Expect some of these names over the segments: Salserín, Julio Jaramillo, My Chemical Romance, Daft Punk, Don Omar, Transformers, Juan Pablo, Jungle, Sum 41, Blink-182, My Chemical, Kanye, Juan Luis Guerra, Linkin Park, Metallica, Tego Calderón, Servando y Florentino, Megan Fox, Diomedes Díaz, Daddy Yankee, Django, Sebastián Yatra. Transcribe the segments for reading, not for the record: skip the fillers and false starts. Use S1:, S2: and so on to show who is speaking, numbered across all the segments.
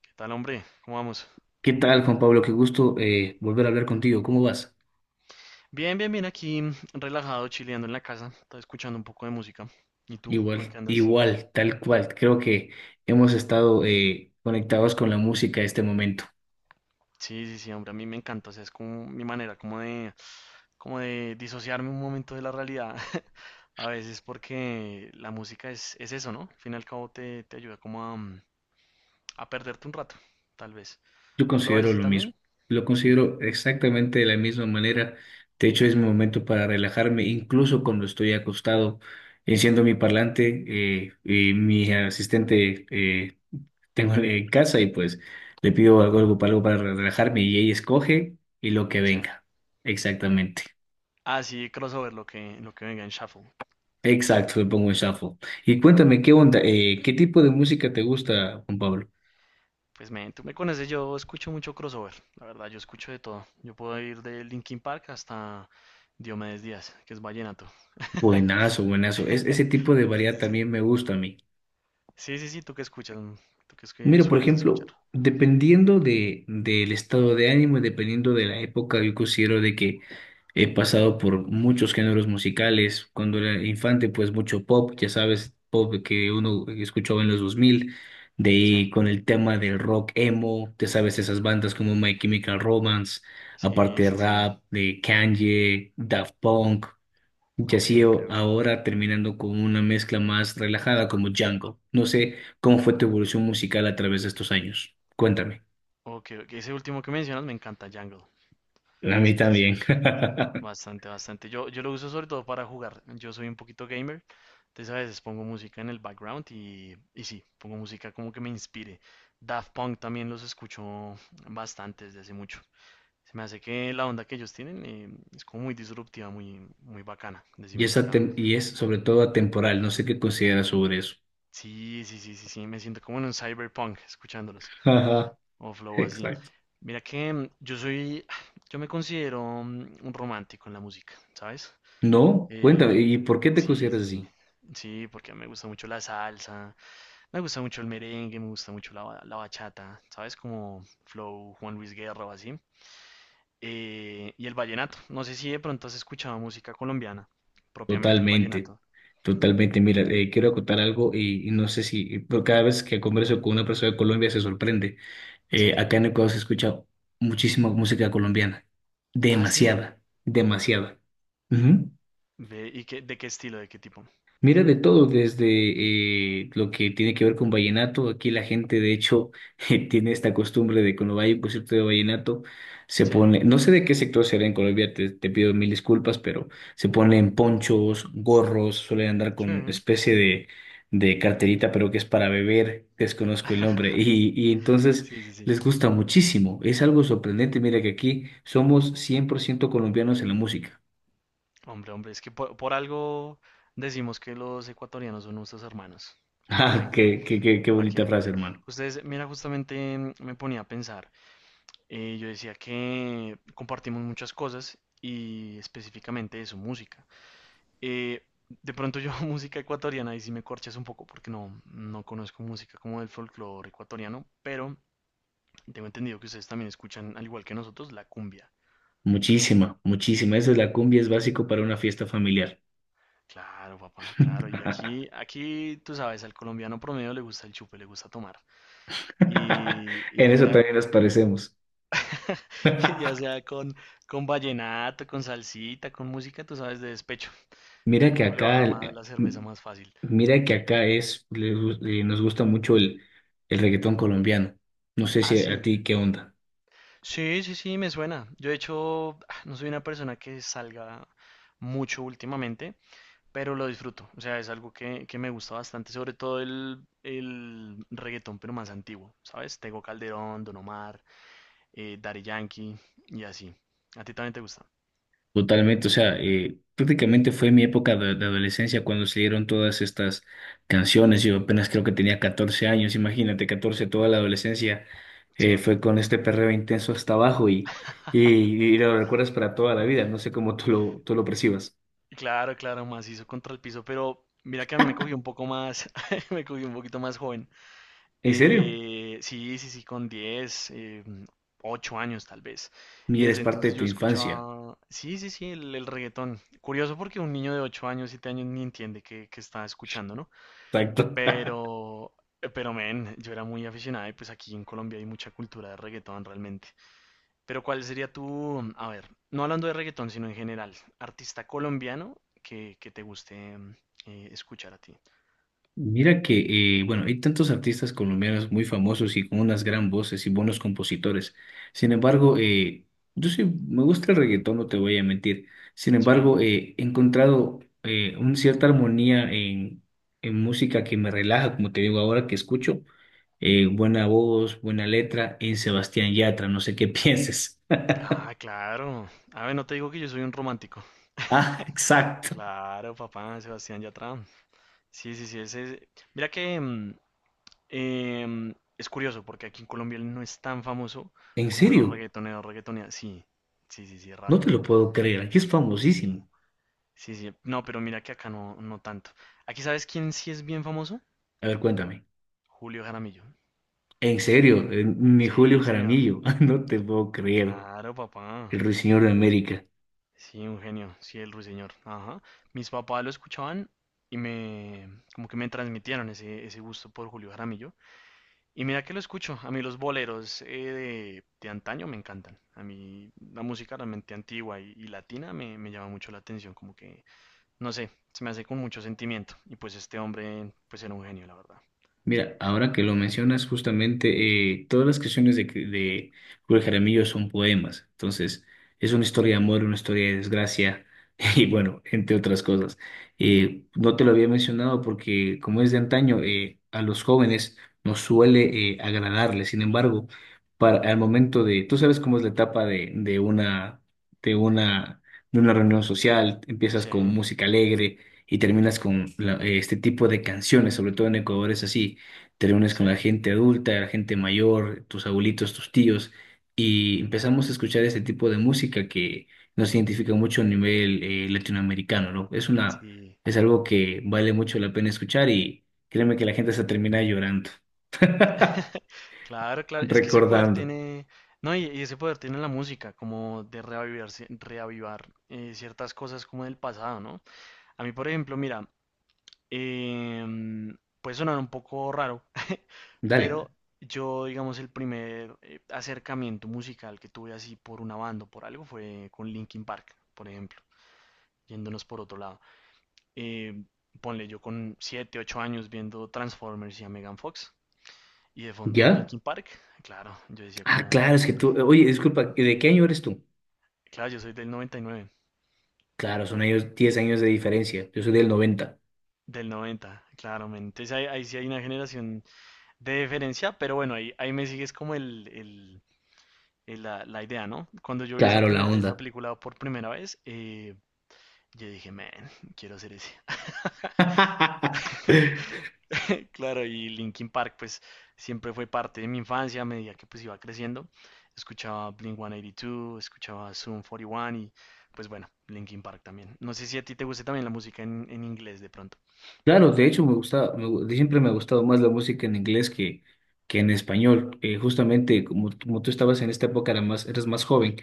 S1: ¿Qué tal, hombre? ¿Cómo vamos?
S2: ¿Qué tal, Juan Pablo? Qué gusto volver a hablar contigo. ¿Cómo vas?
S1: Bien, bien, bien, aquí relajado, chileando en la casa, estaba escuchando un poco de música. ¿Y tú? ¿Tú en
S2: Igual,
S1: qué andas?
S2: igual, tal cual. Creo que hemos estado conectados con la música este momento.
S1: Sí, sí, sí, hombre, a mí me encanta, o sea, es como mi manera, como de disociarme un momento de la realidad, a veces porque la música es eso, ¿no? Al fin y al cabo te ayuda como a perderte un rato, tal vez.
S2: Yo
S1: ¿Tú lo ves
S2: considero
S1: así
S2: lo mismo.
S1: también?
S2: Lo
S1: Sí,
S2: considero exactamente de la misma manera. De hecho, es mi momento para relajarme, incluso cuando estoy acostado. Enciendo mi parlante y mi asistente tengo en casa y pues le pido algo para relajarme y ella escoge y lo que
S1: o sea,
S2: venga. Exactamente.
S1: así crossover, lo que venga en shuffle.
S2: Exacto, le pongo en shuffle. Y cuéntame, ¿qué onda? ¿Qué tipo de música te gusta, Juan Pablo?
S1: Pues, men, tú me conoces, yo escucho mucho crossover, la verdad, yo escucho de todo. Yo puedo ir de Linkin Park hasta Diomedes Díaz, que es vallenato.
S2: Buenazo, buenazo. Es, ese tipo de variedad
S1: Entonces, sí.
S2: también me gusta a mí.
S1: Sí, sí, sí, tú que escuchas, es que
S2: Mira, por
S1: sueles
S2: ejemplo,
S1: escuchar.
S2: dependiendo del estado de ánimo y dependiendo de la época, yo considero de que he pasado por muchos géneros musicales. Cuando era infante, pues mucho pop, ya sabes, pop que uno escuchaba en los 2000, de
S1: Sí,
S2: ahí con el tema del rock emo, te sabes esas bandas como My Chemical Romance,
S1: sí,
S2: aparte
S1: sí, sí.
S2: rap, de Kanye, Daft Punk. Y
S1: Ok,
S2: así
S1: ok, ok.
S2: ahora terminando con una mezcla más relajada como Django. No sé cómo fue tu evolución musical a través de estos años. Cuéntame.
S1: Ok, ok, ese último que mencionas me encanta, Jungle.
S2: A mí
S1: Sí, sí, sí.
S2: también.
S1: Bastante, bastante. Yo lo uso sobre todo para jugar. Yo soy un poquito gamer, entonces a veces pongo música en el background y sí, pongo música como que me inspire. Daft Punk también los escucho bastante desde hace mucho. Se me hace que la onda que ellos tienen es como muy disruptiva, muy, muy bacana,
S2: Y
S1: decimos
S2: es,
S1: acá.
S2: y es sobre todo atemporal. No sé qué consideras sobre eso.
S1: Sí, sí, sí, sí, sí, me siento como en un cyberpunk escuchándolos,
S2: Ajá,
S1: o flow así.
S2: exacto.
S1: Mira que yo me considero un romántico en la música, ¿sabes?
S2: No, cuéntame.
S1: Eh,
S2: ¿Y por qué te
S1: Sí,
S2: consideras
S1: sí, sí.
S2: así?
S1: Sí, porque me gusta mucho la salsa, me gusta mucho el merengue, me gusta mucho la bachata, ¿sabes? Como Flow, Juan Luis Guerra o así. Y el vallenato. No sé si de pronto has escuchado música colombiana, propiamente el
S2: Totalmente,
S1: vallenato.
S2: totalmente. Mira, quiero contar algo y no sé si, pero cada vez que converso con una persona de Colombia se sorprende.
S1: Sí.
S2: Acá en Ecuador se escucha muchísima música colombiana,
S1: Ah, sí.
S2: demasiada, demasiada. Ujú.
S1: Ve, ¿y qué, de qué estilo, de qué tipo?
S2: Mira de todo, desde lo que tiene que ver con vallenato. Aquí la gente, de hecho, tiene esta costumbre de cuando hay un concierto de vallenato, se
S1: Sí.
S2: pone, no sé de qué sector será en Colombia, te pido mil disculpas, pero se ponen ponchos, gorros, suelen andar con
S1: Sí.
S2: especie de carterita, pero que es para beber, desconozco el nombre. Y entonces
S1: Sí, sí, sí.
S2: les gusta muchísimo. Es algo sorprendente. Mira que aquí somos 100% colombianos en la música.
S1: Hombre, hombre, es que por algo decimos que los ecuatorianos son nuestros hermanos. ¿Para
S2: Ah,
S1: qué?
S2: qué, qué, qué, qué
S1: ¿Para
S2: bonita
S1: qué? ¿Para
S2: frase,
S1: qué?
S2: hermano.
S1: Ustedes, mira, justamente me ponía a pensar. Yo decía que compartimos muchas cosas y específicamente eso, música. De pronto yo música ecuatoriana y si me corchas un poco porque no, no conozco música como del folclore ecuatoriano, pero tengo entendido que ustedes también escuchan, al igual que nosotros, la cumbia.
S2: Muchísima, muchísima. Eso es la cumbia, es básico para una fiesta familiar.
S1: Claro, papá, claro. Y aquí, tú sabes, al colombiano promedio le gusta el chupe, le gusta tomar. Y
S2: En eso también nos parecemos.
S1: ya sea con vallenato, con salsita, con música, tú sabes, de despecho.
S2: Mira que
S1: Uno le
S2: acá,
S1: baja más la cerveza más fácil.
S2: mira que acá es, nos gusta mucho el reggaetón colombiano. No sé
S1: Ah,
S2: si a
S1: sí.
S2: ti qué onda.
S1: Sí, sí, sí, me suena. Yo, de hecho, no soy una persona que salga mucho últimamente, pero lo disfruto. O sea, es algo que me gusta bastante, sobre todo el reggaetón, pero más antiguo, ¿sabes? Tego Calderón, Don Omar, Daddy Yankee y así. ¿A ti también te gusta?
S2: Totalmente, o sea, prácticamente fue mi época de adolescencia cuando salieron todas estas canciones. Yo apenas creo que tenía 14 años, imagínate, 14, toda la adolescencia
S1: Sí.
S2: fue con este perreo intenso hasta abajo y lo recuerdas para toda la vida. No sé cómo tú lo percibas.
S1: Claro, claro, macizo contra el piso, pero mira que a mí me cogió un poco más, me cogió un poquito más joven.
S2: ¿En serio?
S1: Sí, sí, sí, con 8 años tal vez. Y
S2: Mira, es
S1: desde
S2: parte
S1: entonces
S2: de
S1: yo
S2: tu infancia.
S1: escuchaba, sí, sí, sí, el reggaetón. Curioso porque un niño de 8 años, 7 años ni entiende qué está escuchando, ¿no?
S2: Exacto.
S1: Pero, pero, men, yo era muy aficionado y pues aquí en Colombia hay mucha cultura de reggaetón realmente. Pero ¿cuál sería tu, a ver, no hablando de reggaetón, sino en general, artista colombiano que te guste escuchar a ti?
S2: Mira que, bueno, hay tantos artistas colombianos muy famosos y con unas gran voces y buenos compositores. Sin embargo, yo sí me gusta el reggaetón, no te voy a mentir. Sin embargo,
S1: Sí.
S2: he encontrado una cierta armonía en música que me relaja, como te digo ahora que escucho. Buena voz, buena letra en Sebastián Yatra, no sé qué pienses.
S1: Ah, claro. A ver, no te digo que yo soy un romántico.
S2: Ah, exacto.
S1: Claro, papá, Sebastián Yatra. Sí, sí, sí, mira que es curioso porque aquí en Colombia él no es tan famoso
S2: ¿En
S1: como los
S2: serio?
S1: reggaetoneros, reggaetoneras. Sí, sí, sí, sí, es
S2: No
S1: raro,
S2: te
S1: ¿no?
S2: lo puedo creer, aquí es famosísimo.
S1: Sí, sí, sí. No, pero mira que acá no, no tanto. Aquí, ¿sabes quién sí es bien famoso?
S2: A ver, cuéntame.
S1: Julio Jaramillo.
S2: En serio, mi Julio
S1: Sí, señor.
S2: Jaramillo, no te puedo creer,
S1: Claro, papá.
S2: el ruiseñor de América.
S1: Sí, un genio. Sí, el ruiseñor. Ajá. Mis papás lo escuchaban y como que me transmitieron ese gusto por Julio Jaramillo. Y mira que lo escucho, a mí los boleros de antaño me encantan, a mí la música realmente antigua y latina me llama mucho la atención, como que, no sé, se me hace con mucho sentimiento y pues este hombre pues era un genio, la verdad.
S2: Mira, ahora que lo mencionas, justamente todas las canciones de Julio Jaramillo son poemas. Entonces, es una historia de amor, una historia de desgracia y bueno, entre otras cosas. No te lo había mencionado porque como es de antaño, a los jóvenes nos suele agradarle. Sin embargo, para, al momento de, tú sabes cómo es la etapa de, de una, de una reunión social, empiezas
S1: Sí,
S2: con música alegre y terminas con este tipo de canciones. Sobre todo en Ecuador es así: te reúnes
S1: sí,
S2: con la gente adulta, la gente mayor, tus abuelitos, tus tíos, y empezamos a escuchar ese tipo de música que nos identifica mucho a nivel latinoamericano, ¿no? Es una,
S1: sí.
S2: es algo que vale mucho la pena escuchar y créeme que la gente se termina llorando,
S1: Claro, claro, es que ese poder
S2: recordando.
S1: tiene, no, y ese poder tiene la música, como de reavivar, reavivar ciertas cosas como del pasado, ¿no? A mí, por ejemplo, mira, puede sonar un poco raro,
S2: Dale.
S1: pero yo, digamos, el primer acercamiento musical que tuve así por una banda o por algo fue con Linkin Park, por ejemplo, yéndonos por otro lado. Eh, ponle yo con 7 8 años viendo Transformers y a Megan Fox y de fondo
S2: ¿Ya?
S1: Linkin Park, claro, yo decía
S2: Ah,
S1: como,
S2: claro, es que tú,
S1: hombre,
S2: oye, disculpa, ¿de qué año eres tú?
S1: claro, yo soy del 99.
S2: Claro, son años, 10 años de diferencia, yo soy del noventa.
S1: Del 90, claramente. Entonces ahí, ahí, sí hay una generación de diferencia, pero bueno, ahí me sigues como la idea, ¿no? Cuando yo vi esa,
S2: Claro, la
S1: primer- esa
S2: onda.
S1: película por primera vez, yo dije, man, quiero hacer ese. Claro, y Linkin Park, pues siempre fue parte de mi infancia a medida que pues iba creciendo. Escuchaba Blink-182, escuchaba Zoom 41 y uno y pues bueno, Linkin Park también. No sé si a ti te guste también la música en inglés de pronto.
S2: Claro, de hecho me gusta, siempre me ha gustado más la música en inglés que en español. Justamente como tú estabas en esta época, era más, eras más joven.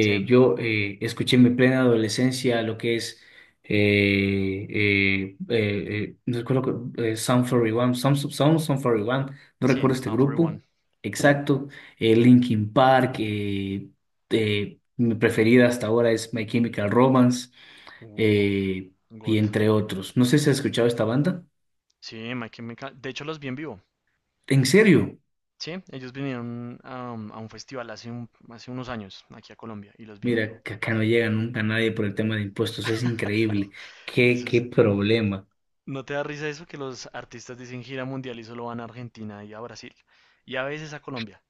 S1: Sí,
S2: yo escuché en mi plena adolescencia lo que es, eh, eh, no recuerdo, Sum 41, Sum 41, no
S1: sí,
S2: recuerdo este
S1: Sound
S2: grupo
S1: 41, sí.
S2: exacto. Linkin Park, mi preferida hasta ahora es My Chemical Romance
S1: Uh,
S2: eh, y
S1: God.
S2: entre otros. No sé si has escuchado esta banda.
S1: Sí, de hecho, los vi en vivo.
S2: ¿En serio?
S1: Sí, ellos vinieron a un festival hace unos años aquí a Colombia y los vi en vivo.
S2: Mira, que acá no llega nunca nadie por el tema de impuestos. Es increíble. ¿Qué,
S1: Eso
S2: qué
S1: es,
S2: problema?
S1: ¿No te da risa eso que los artistas dicen gira mundial y solo van a Argentina y a Brasil y a veces a Colombia?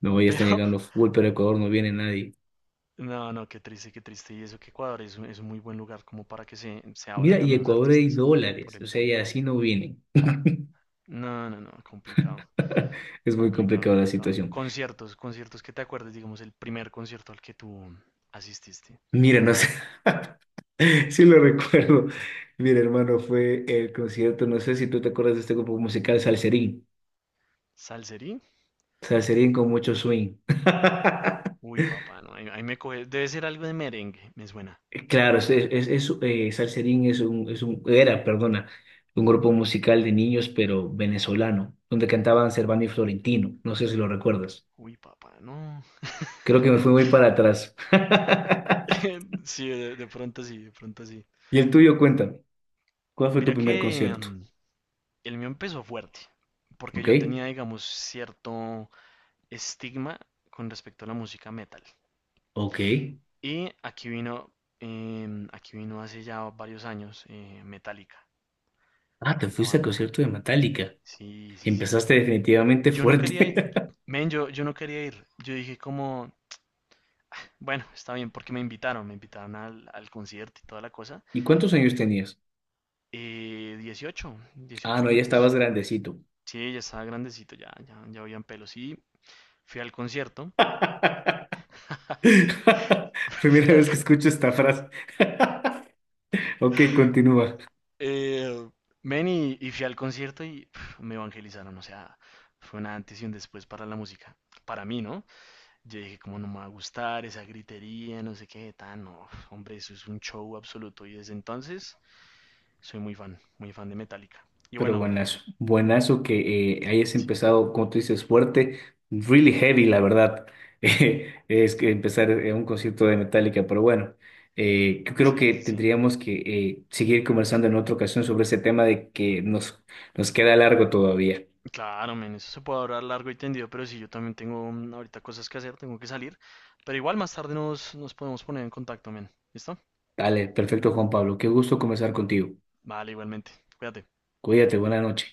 S2: No, ya están
S1: Pero
S2: llegando full, pero a Ecuador no viene nadie.
S1: no, no, qué triste, qué triste. Y eso que Ecuador es es un muy buen lugar como para que se abran
S2: Mira, y
S1: también los
S2: Ecuador hay
S1: artistas por
S2: dólares.
S1: el
S2: O sea, y
S1: público.
S2: así no vienen.
S1: No, no, no, complicado,
S2: Es muy
S1: complicado,
S2: complicada la
S1: complicado.
S2: situación.
S1: Conciertos, conciertos que te acuerdes, digamos, el primer concierto al que tú asististe.
S2: Mira, no sé. Sí lo recuerdo. Mira, hermano, fue el concierto. No sé si tú te acuerdas de este grupo musical, Salserín.
S1: ¿Salserí?
S2: Salserín con mucho swing.
S1: Uy, papá, no, ahí me coge. Debe ser algo de merengue, me suena.
S2: Claro, es, Salserín es un, era, perdona, un grupo musical de niños, pero venezolano, donde cantaban Servando y Florentino. No sé si lo recuerdas.
S1: Uy, papá, no.
S2: Creo que me fui muy para atrás.
S1: Sí, de pronto sí, de pronto sí.
S2: Y el tuyo, cuéntame, ¿cuál fue tu
S1: Mira que
S2: primer concierto?
S1: el mío empezó fuerte, porque
S2: ¿Ok?
S1: yo tenía, digamos, cierto estigma con respecto a la música metal.
S2: Ok.
S1: Y aquí vino hace ya varios años, Metallica,
S2: Ah, te
S1: la
S2: fuiste al
S1: banda.
S2: concierto de Metallica.
S1: Sí, sí, sí.
S2: Empezaste definitivamente
S1: Yo no quería ir,
S2: fuerte.
S1: men, yo no quería ir. Yo dije como, bueno, está bien, porque me invitaron al concierto y toda la cosa.
S2: ¿Y cuántos años tenías?
S1: 18,
S2: Ah,
S1: 18
S2: no, ya estabas
S1: añitos.
S2: grandecito.
S1: Sí, ya estaba grandecito, ya, ya, ya habían pelos. Y fui al concierto.
S2: Primera
S1: Fui al
S2: vez que
S1: co-
S2: escucho esta frase. Ok, continúa.
S1: eh, Ven y fui al concierto y pf, me evangelizaron. O sea, fue un antes y un después para la música. Para mí, ¿no? Yo dije, como no me va a gustar esa gritería, no sé qué, tan, no, hombre, eso es un show absoluto. Y desde entonces soy muy fan de Metallica. Y
S2: Pero
S1: bueno,
S2: buenazo, buenazo que hayas
S1: sí,
S2: empezado, como tú dices, fuerte, really heavy, la verdad. Es que empezar un concierto de Metallica, pero bueno, yo creo
S1: sí,
S2: que
S1: sí, sí.
S2: tendríamos que seguir conversando en otra ocasión sobre ese tema de que nos, nos queda largo todavía.
S1: Claro, men, eso se puede hablar largo y tendido, pero sí, yo también tengo ahorita cosas que hacer, tengo que salir. Pero igual más tarde nos podemos poner en contacto, men. ¿Listo?
S2: Dale, perfecto, Juan Pablo. Qué gusto conversar contigo.
S1: Vale, igualmente. Cuídate.
S2: Cuídate, buena noche.